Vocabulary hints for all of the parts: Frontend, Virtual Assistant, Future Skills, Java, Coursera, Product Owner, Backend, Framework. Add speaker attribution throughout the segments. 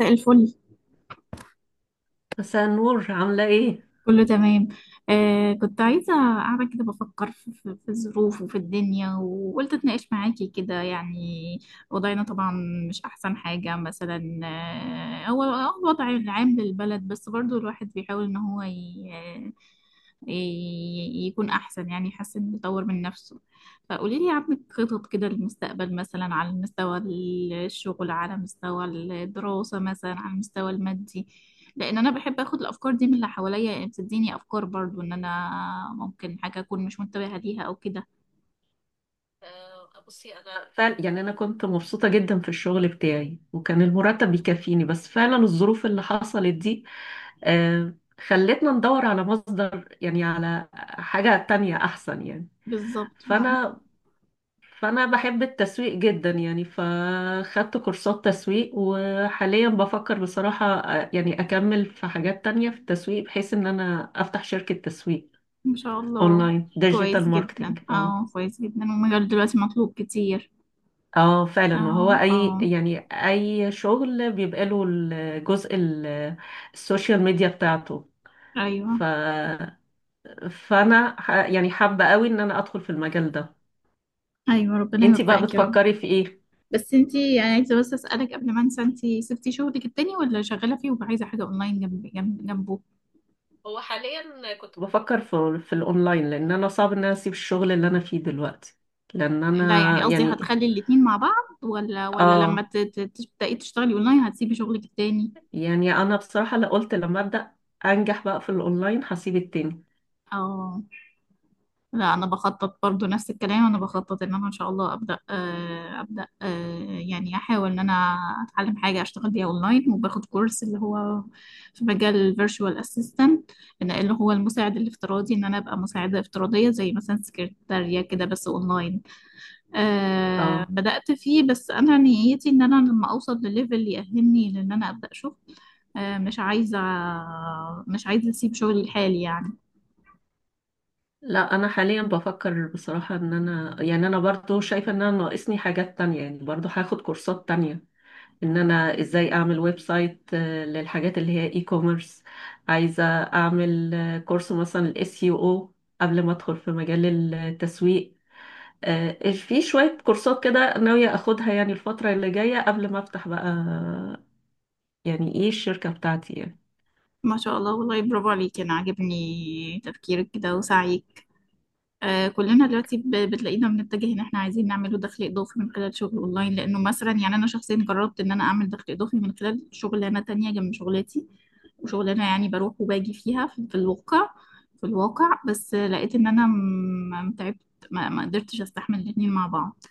Speaker 1: مساء الفل.
Speaker 2: مساء النور، عاملة ايه؟
Speaker 1: كله تمام. كنت عايزة قاعدة كده بفكر في الظروف وفي الدنيا، وقلت اتناقش معاكي كده يعني. وضعنا طبعا مش أحسن حاجة مثلا، هو الوضع العام للبلد، بس برضو الواحد بيحاول إن هو يكون أحسن، يعني يحسن يطور من نفسه. فقولي لي، عندك خطط كده للمستقبل مثلا على مستوى الشغل، على مستوى الدراسة، مثلا على المستوى المادي؟ لان انا بحب اخد الافكار دي من اللي حواليا، يعني بتديني افكار برضو ان انا ممكن حاجه اكون مش منتبهه ليها او كده.
Speaker 2: بصي انا فعلا يعني انا كنت مبسوطة جدا في الشغل بتاعي وكان المرتب بيكفيني، بس فعلا الظروف اللي حصلت دي آه خلتنا ندور على مصدر، يعني على حاجة تانية احسن يعني.
Speaker 1: بالظبط فعلا.
Speaker 2: فانا فانا بحب التسويق جدا يعني، فخدت كورسات تسويق وحاليا بفكر بصراحة يعني اكمل في حاجات تانية في التسويق بحيث ان انا افتح شركة تسويق
Speaker 1: ما شاء الله.
Speaker 2: اونلاين،
Speaker 1: كويس
Speaker 2: ديجيتال
Speaker 1: جدا،
Speaker 2: ماركتينج. اه.
Speaker 1: اه، كويس جدا، والمجال دلوقتي مطلوب كتير.
Speaker 2: اه
Speaker 1: اه،
Speaker 2: فعلا. وهو
Speaker 1: اه.
Speaker 2: اي يعني اي شغل بيبقى له الجزء السوشيال ميديا بتاعته.
Speaker 1: ايوه،
Speaker 2: ف فانا يعني حابة قوي ان انا ادخل في المجال ده.
Speaker 1: ايوه. ربنا
Speaker 2: انتي بقى
Speaker 1: يوفقك يا رب.
Speaker 2: بتفكري في ايه؟
Speaker 1: بس انتي، يعني عايزه بس اسالك قبل ما انسى، انتي سبتي شغلك التاني ولا شغاله فيه وعايزه حاجه اونلاين جنبه؟
Speaker 2: هو حاليا كنت بفكر في الاونلاين، لان انا صعب ان انا اسيب الشغل اللي انا فيه دلوقتي، لان
Speaker 1: لا، يعني
Speaker 2: انا
Speaker 1: قصدي،
Speaker 2: يعني.
Speaker 1: هتخلي الاتنين مع بعض ولا لما
Speaker 2: اه.
Speaker 1: تبداي تشتغلي اونلاين هتسيبي شغلك التاني؟
Speaker 2: يعني انا بصراحة، لا، قلت لما ابدا انجح بقى في الاونلاين هسيب التاني.
Speaker 1: اه. لا، انا بخطط برضو نفس الكلام. انا بخطط ان انا ان شاء الله ابدا، ابدا، يعني احاول ان انا اتعلم حاجه اشتغل بيها اونلاين، وباخد كورس اللي هو في مجال الفيرتشوال اسيستنت، اللي هو المساعد الافتراضي، ان انا ابقى مساعده افتراضيه زي مثلا سكرتاريه كده، بس اونلاين.
Speaker 2: اه.
Speaker 1: بدات فيه، بس انا نيتي ان انا لما اوصل لليفل يأهلني لان انا ابدا شغل. أه مش عايزه مش عايزه اسيب شغلي الحالي يعني.
Speaker 2: لا انا حاليا بفكر بصراحة ان انا يعني انا برضو شايفة ان انا ناقصني حاجات تانية، يعني برضو هاخد كورسات تانية ان انا ازاي اعمل ويب سايت للحاجات اللي هي اي كوميرس. عايزة اعمل كورس مثلا الاس يو او قبل ما ادخل في مجال التسويق. في شوية كورسات كده ناوية اخدها يعني الفترة اللي جاية قبل ما افتح بقى، يعني ايه، الشركة بتاعتي يعني.
Speaker 1: ما شاء الله، والله برافو عليك، انا عاجبني تفكيرك كده وسعيك. كلنا دلوقتي بتلاقينا بنتجه ان احنا عايزين نعمله دخل اضافي من خلال شغل اونلاين، لانه مثلا يعني انا شخصيا جربت ان انا اعمل دخل اضافي من خلال شغلانه تانية جنب شغلتي. وشغلانه يعني بروح وباجي فيها في الواقع، بس لقيت ان انا تعبت. ما قدرتش استحمل الاتنين مع بعض.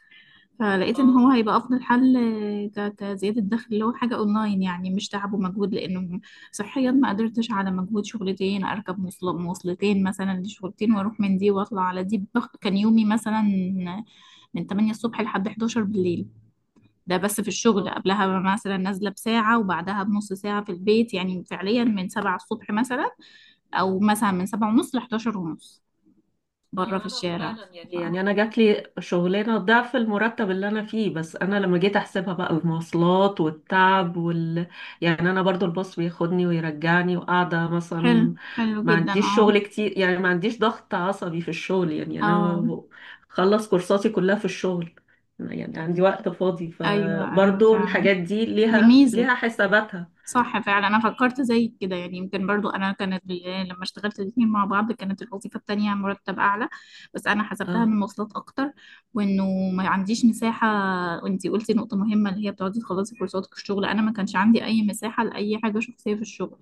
Speaker 1: فلقيت ان هو
Speaker 2: اه.
Speaker 1: هيبقى افضل حل، كزياده دخل اللي هو حاجه اونلاين، يعني مش تعب ومجهود لانه صحيا ما قدرتش على مجهود شغلتين. اركب مواصلتين مثلا لشغلتين، واروح من دي واطلع على دي. كان يومي مثلا من 8 الصبح لحد 11 بالليل. ده بس في الشغل،
Speaker 2: اه.
Speaker 1: قبلها مثلا نازله بساعه وبعدها بنص ساعه في البيت، يعني فعليا من 7 الصبح مثلا، او مثلا من 7 ونص ل 11 ونص بره في
Speaker 2: انا
Speaker 1: الشارع.
Speaker 2: فعلا يعني
Speaker 1: ف-
Speaker 2: يعني انا جات لي شغلانه ضعف المرتب اللي انا فيه، بس انا لما جيت احسبها بقى المواصلات والتعب وال، يعني انا برضو الباص بياخدني ويرجعني وقاعده
Speaker 1: حلو،
Speaker 2: مثلا.
Speaker 1: حلو
Speaker 2: ما
Speaker 1: جدا،
Speaker 2: عنديش
Speaker 1: اه،
Speaker 2: شغل كتير يعني، ما عنديش ضغط عصبي في الشغل. يعني
Speaker 1: اه.
Speaker 2: انا خلص كورساتي كلها في الشغل، يعني عندي وقت فاضي،
Speaker 1: ايوه، ايوه
Speaker 2: فبرضو
Speaker 1: فعلا.
Speaker 2: الحاجات دي
Speaker 1: دي
Speaker 2: ليها
Speaker 1: ميزة.
Speaker 2: ليها حساباتها.
Speaker 1: صح فعلا، أنا فكرت زي كده يعني. يمكن برضو أنا كانت يعني لما اشتغلت الاتنين مع بعض كانت الوظيفة التانية مرتب أعلى، بس أنا حسبتها
Speaker 2: اه
Speaker 1: من مواصلات أكتر، وإنه ما عنديش مساحة. وإنتي قلتي نقطة مهمة اللي هي بتقعدي تخلصي كورساتك في الشغل. أنا ما كانش عندي أي مساحة لأي حاجة شخصية في الشغل.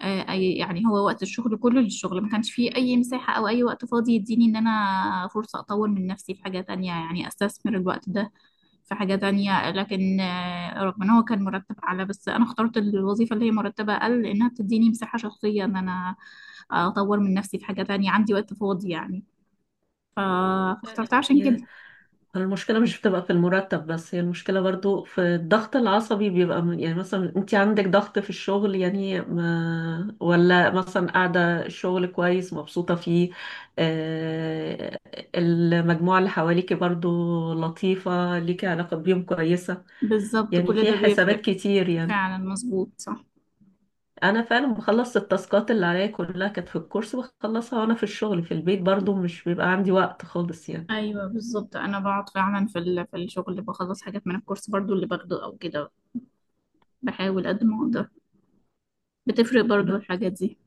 Speaker 1: آه، أي يعني هو وقت الشغل كله للشغل، ما كانش فيه أي مساحة أو أي وقت فاضي يديني إن أنا فرصة أطور من نفسي في حاجة تانية، يعني أستثمر الوقت ده في حاجة تانية. لكن رغم ان هو كان مرتب اعلى، بس انا اخترت الوظيفة اللي هي مرتبة اقل لانها بتديني مساحة شخصية ان انا اطور من نفسي في حاجة تانية، عندي وقت فاضي يعني، ف-
Speaker 2: فعلا
Speaker 1: فاخترتها عشان
Speaker 2: يعني.
Speaker 1: كده.
Speaker 2: المشكلة مش بتبقى في المرتب بس، هي المشكلة برضو في الضغط العصبي بيبقى من- يعني مثلا انت عندك ضغط في الشغل يعني، ما ولا مثلا قاعدة الشغل كويس مبسوطة فيه، آه، المجموعة اللي حواليكي برضو لطيفة، ليكي علاقة بيهم كويسة،
Speaker 1: بالظبط،
Speaker 2: يعني
Speaker 1: كل
Speaker 2: في
Speaker 1: ده بيفرق.
Speaker 2: حسابات كتير يعني.
Speaker 1: فعلا، مظبوط، صح.
Speaker 2: انا فعلا بخلص التاسكات اللي عليا كلها، كانت في الكورس بخلصها وانا في الشغل. في البيت برضو مش بيبقى عندي وقت خالص يعني.
Speaker 1: ايوه بالظبط، انا بقعد فعلا في في الشغل بخلص حاجات من الكورس برضو اللي باخده او كده. بحاول قد ما اقدر. بتفرق برضو الحاجات دي.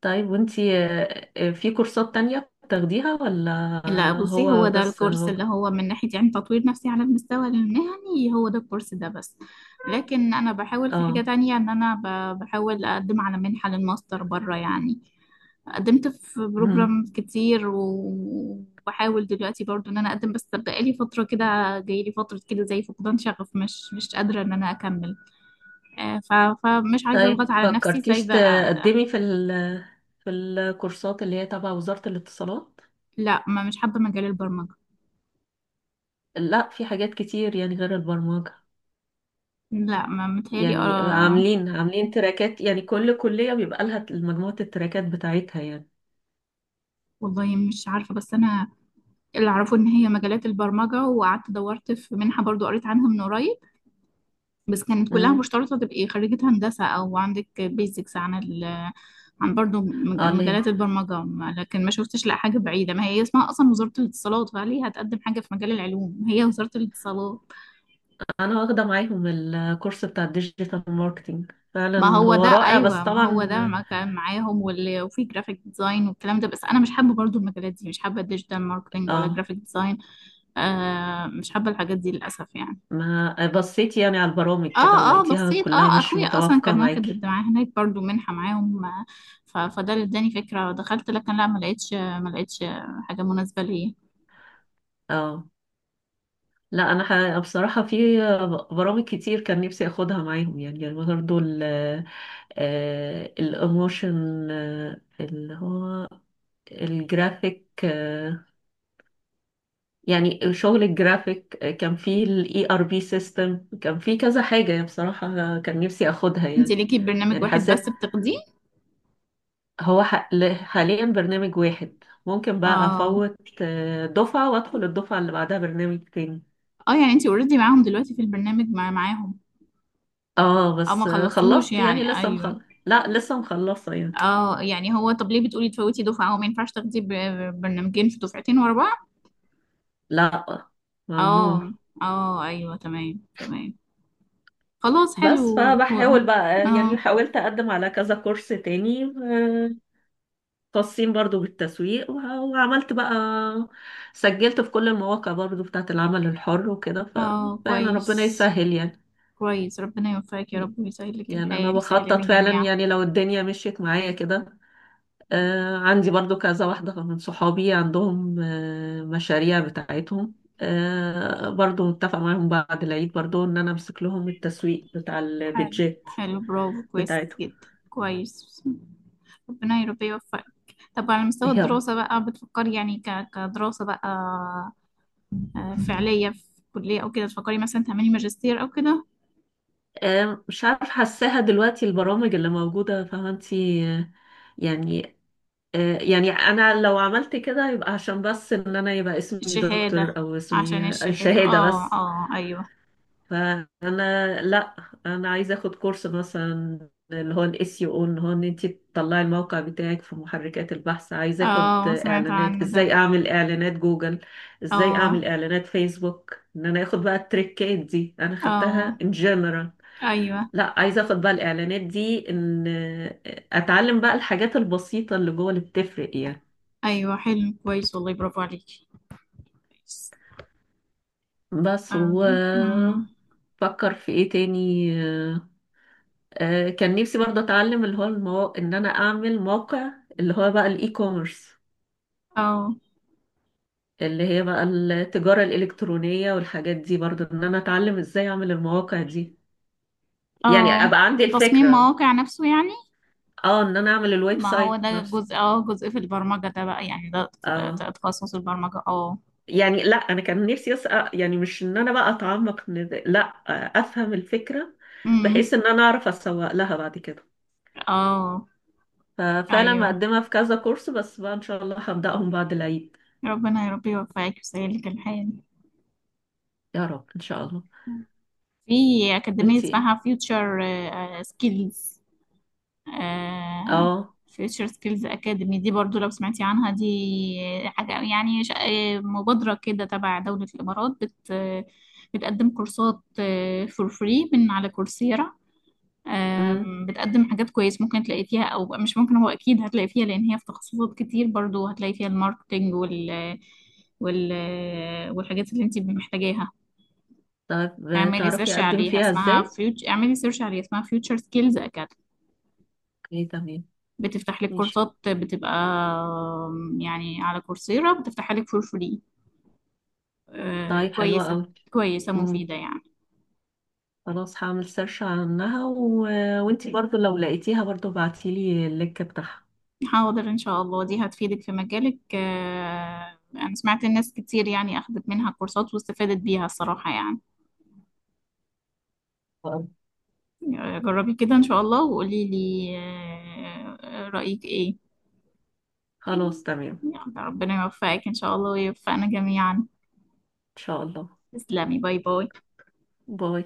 Speaker 2: طيب وانتي، في كورسات تانية بتاخديها ولا؟
Speaker 1: لا، بصي، هو
Speaker 2: هو
Speaker 1: ده
Speaker 2: بس
Speaker 1: الكورس
Speaker 2: هو.
Speaker 1: اللي هو من ناحية يعني تطوير نفسي على المستوى المهني، هو ده الكورس ده بس. لكن أنا بحاول في حاجة
Speaker 2: اه.
Speaker 1: تانية إن أنا بحاول أقدم على منحة للماستر بره يعني. قدمت في
Speaker 2: مم.
Speaker 1: بروجرام كتير، وبحاول دلوقتي برضو إن أنا أقدم، بس بقالي فترة كده جايلي فترة كده زي فقدان شغف. مش قادرة إن أنا أكمل. آه، ف- فمش عايزة أضغط
Speaker 2: طيب
Speaker 1: على نفسي
Speaker 2: فكرتيش
Speaker 1: سايبة.
Speaker 2: تقدمي في الكورسات اللي هي تبع وزارة الاتصالات؟
Speaker 1: لا، ما مش حابة مجال البرمجة.
Speaker 2: لا في حاجات كتير يعني غير البرمجة،
Speaker 1: لا، ما متهيألي
Speaker 2: يعني
Speaker 1: آه،
Speaker 2: عاملين تراكات يعني، كل كلية بيبقى لها مجموعة التراكات بتاعتها يعني.
Speaker 1: والله مش عارفة، بس أنا اللي اعرفه ان هي مجالات البرمجه. وقعدت دورت في منحه برضو قريت عنها من قريب، بس كانت كلها
Speaker 2: مم.
Speaker 1: مشترطه تبقي خريجه هندسه او عندك بيزكس عن عن برضو
Speaker 2: اه
Speaker 1: مجالات
Speaker 2: ليه.
Speaker 1: البرمجه. لكن ما شفتش لا حاجه بعيده، ما هي اسمها اصلا وزاره الاتصالات، فليه هتقدم حاجه في مجال العلوم هي وزاره الاتصالات؟
Speaker 2: انا واخدة معاهم الكورس بتاع الديجيتال ماركتينج،
Speaker 1: ما
Speaker 2: فعلا
Speaker 1: هو
Speaker 2: هو
Speaker 1: ده،
Speaker 2: رائع بس
Speaker 1: ايوه ما هو ده،
Speaker 2: طبعا.
Speaker 1: ما كان معاهم واللي وفي جرافيك ديزاين والكلام ده، بس انا مش حابه برضو المجالات دي، مش حابه ديجيتال ماركتنج ولا
Speaker 2: اه.
Speaker 1: جرافيك ديزاين. مش حابه الحاجات دي للاسف يعني.
Speaker 2: ما بصيتي يعني على البرامج
Speaker 1: اه،
Speaker 2: كده
Speaker 1: اه،
Speaker 2: ولقيتيها
Speaker 1: بصيت،
Speaker 2: كلها مش
Speaker 1: اخويا اصلا
Speaker 2: متوافقة
Speaker 1: كان واخد
Speaker 2: معاكي؟
Speaker 1: الدعاء هناك برضو منحة معاهم. فده اللي اداني فكرة، دخلت لكن لا، ما لقيتش حاجة مناسبة ليا.
Speaker 2: اه. لا انا بصراحة في برامج كتير كان نفسي اخدها معاهم يعني برضه. الاموشن، اللي هو الجرافيك، يعني شغل الجرافيك، كان في الاي ار بي سيستم، كان في كذا حاجة يعني بصراحة كان نفسي اخدها
Speaker 1: انت
Speaker 2: يعني.
Speaker 1: ليكي برنامج
Speaker 2: يعني
Speaker 1: واحد بس
Speaker 2: حسيت،
Speaker 1: بتاخديه؟
Speaker 2: حاليا برنامج واحد ممكن بقى
Speaker 1: اه،
Speaker 2: افوت دفعة وادخل الدفعة اللي بعدها برنامج تاني.
Speaker 1: اه، يعني انت اوريدي معاهم دلوقتي في البرنامج معاهم؟
Speaker 2: اه
Speaker 1: اه، ما
Speaker 2: بس
Speaker 1: خلصتوهوش
Speaker 2: خلصت يعني
Speaker 1: يعني،
Speaker 2: لسه مخلص.
Speaker 1: ايوه.
Speaker 2: لا لسه مخلصة يعني.
Speaker 1: اه، يعني هو طب ليه بتقولي تفوتي دفعة، هو ما ينفعش تاخدي برنامجين في دفعتين ورا بعض؟
Speaker 2: لا، ممنوع.
Speaker 1: اه، اه، ايوه، تمام، تمام، خلاص، حلو.
Speaker 2: بس
Speaker 1: هو-
Speaker 2: فبحاول بقى يعني
Speaker 1: اه،
Speaker 2: حاولت اقدم على كذا كورس تاني، خاصين برضو بالتسويق، وعملت بقى، سجلت في كل المواقع برضو بتاعت العمل الحر وكده،
Speaker 1: اه،
Speaker 2: ففعلا ربنا
Speaker 1: كويس،
Speaker 2: يسهل يعني.
Speaker 1: كويس، ربنا يوفقك يا رب، ويسهل لك
Speaker 2: يعني انا
Speaker 1: الحال، يسهل لنا
Speaker 2: بخطط فعلا
Speaker 1: جميعا.
Speaker 2: يعني لو الدنيا مشيت معايا كده. عندي برضو كذا واحدة من صحابي عندهم مشاريع بتاعتهم، برضو متفق معاهم بعد العيد، برضو ان انا امسك لهم التسويق بتاع
Speaker 1: حلو،
Speaker 2: البيدجيت
Speaker 1: حلو، برافو، كويس
Speaker 2: بتاعتهم.
Speaker 1: جدا، كويس. ربنا يا رب يوفقك. طب على مستوى
Speaker 2: يا
Speaker 1: الدراسة بقى، بتفكري يعني كدراسة بقى، فعلية في كلية أو كده، تفكري مثلا تعملي ماجستير أو كده؟
Speaker 2: مش عارف، حاساها دلوقتي البرامج اللي موجودة، فاهمة انتي؟ يعني يعني انا لو عملت كده يبقى عشان بس ان انا يبقى اسمي
Speaker 1: الشهادة،
Speaker 2: دكتور او اسمي
Speaker 1: عشان الشهادة،
Speaker 2: شهادة
Speaker 1: اه،
Speaker 2: بس.
Speaker 1: اه، أيوه.
Speaker 2: فانا لا، انا عايزه اخد كورس مثلا اللي هو الاس يو او، ان هو ان انت تطلعي الموقع بتاعك في محركات البحث. عايزه اخد
Speaker 1: اه، سمعت
Speaker 2: اعلانات،
Speaker 1: عنه ده.
Speaker 2: ازاي اعمل اعلانات جوجل، ازاي
Speaker 1: اه،
Speaker 2: اعمل اعلانات فيسبوك، ان انا اخد بقى التريكات دي. انا خدتها
Speaker 1: اه،
Speaker 2: ان جنرال،
Speaker 1: أيوه،
Speaker 2: لا عايزه اخد بقى الاعلانات دي، ان اتعلم بقى الحاجات البسيطه اللي جوه اللي بتفرق يعني.
Speaker 1: أيوه، حلو، كويس، والله برافو عليكي، كويس.
Speaker 2: بس و
Speaker 1: أم، أم،
Speaker 2: فكر في ايه تاني. كان نفسي برضه اتعلم اللي هو ان انا اعمل موقع، اللي هو بقى الاي كوميرس،
Speaker 1: اه،
Speaker 2: اللي هي بقى التجارة الإلكترونية والحاجات دي، برضه ان انا اتعلم ازاي اعمل المواقع دي، يعني
Speaker 1: اه،
Speaker 2: ابقى عندي
Speaker 1: تصميم
Speaker 2: الفكرة.
Speaker 1: مواقع نفسه يعني.
Speaker 2: اه ان انا اعمل الويب
Speaker 1: ما هو
Speaker 2: سايت
Speaker 1: ده
Speaker 2: نفسه.
Speaker 1: جزء، جزء في البرمجة ده بقى يعني، ده
Speaker 2: اه
Speaker 1: تخصص البرمجة، اه.
Speaker 2: يعني لا انا كان نفسي اسأل يعني، مش ان انا بقى اتعمق إن ده، لا، افهم الفكرة
Speaker 1: امم.
Speaker 2: بحيث ان انا اعرف اسوق لها بعد كده.
Speaker 1: اه،
Speaker 2: ففعلا
Speaker 1: ايوه،
Speaker 2: مقدمة في كذا كورس، بس بقى ان شاء الله هبدأهم بعد العيد.
Speaker 1: ربنا يا رب يوفقك ويسهلك الحال.
Speaker 2: يا رب ان شاء الله.
Speaker 1: في أكاديمية
Speaker 2: وانتي ايه؟
Speaker 1: اسمها فيوتشر سكيلز.
Speaker 2: اه.
Speaker 1: فيوتشر سكيلز أكاديمي دي، برضو لو سمعتي عنها، دي حاجة يعني مبادرة كده تبع دولة الإمارات، بتقدم كورسات فور فري من على كورسيرا.
Speaker 2: امم.
Speaker 1: بتقدم حاجات كويس ممكن تلاقي فيها، مش ممكن، هو اكيد هتلاقي فيها لان هي في تخصصات كتير، برضو هتلاقي فيها الماركتينج وال والحاجات اللي انت محتاجاها.
Speaker 2: طيب
Speaker 1: اعملي
Speaker 2: تعرفي
Speaker 1: سيرش
Speaker 2: اقدم
Speaker 1: عليها
Speaker 2: فيها
Speaker 1: اسمها
Speaker 2: ازاي؟
Speaker 1: فيوتش اعملي سيرش عليها اسمها فيوتشر سكيلز اكاديمي.
Speaker 2: اوكي تمام.
Speaker 1: بتفتح لك
Speaker 2: ماشي.
Speaker 1: كورسات بتبقى، يعني على كورسيرا بتفتح لك فور فري.
Speaker 2: طيب حلوة
Speaker 1: كويسة.
Speaker 2: قوي.
Speaker 1: كويسة
Speaker 2: امم.
Speaker 1: مفيدة يعني.
Speaker 2: خلاص هعمل سيرش عنها، و... وانتي برضو لو لقيتيها برضو ابعتيلي اللينك بتاعها.
Speaker 1: حاضر إن شاء الله، دي هتفيدك في مجالك. أنا سمعت الناس كتير يعني أخدت منها كورسات واستفادت بيها الصراحة يعني. جربي كده إن شاء الله وقولي لي رأيك إيه.
Speaker 2: خلاص تمام.
Speaker 1: يلا، ربنا يوفقك إن شاء الله ويوفقنا جميعا.
Speaker 2: ان شاء الله.
Speaker 1: تسلمي، باي باي.
Speaker 2: باي.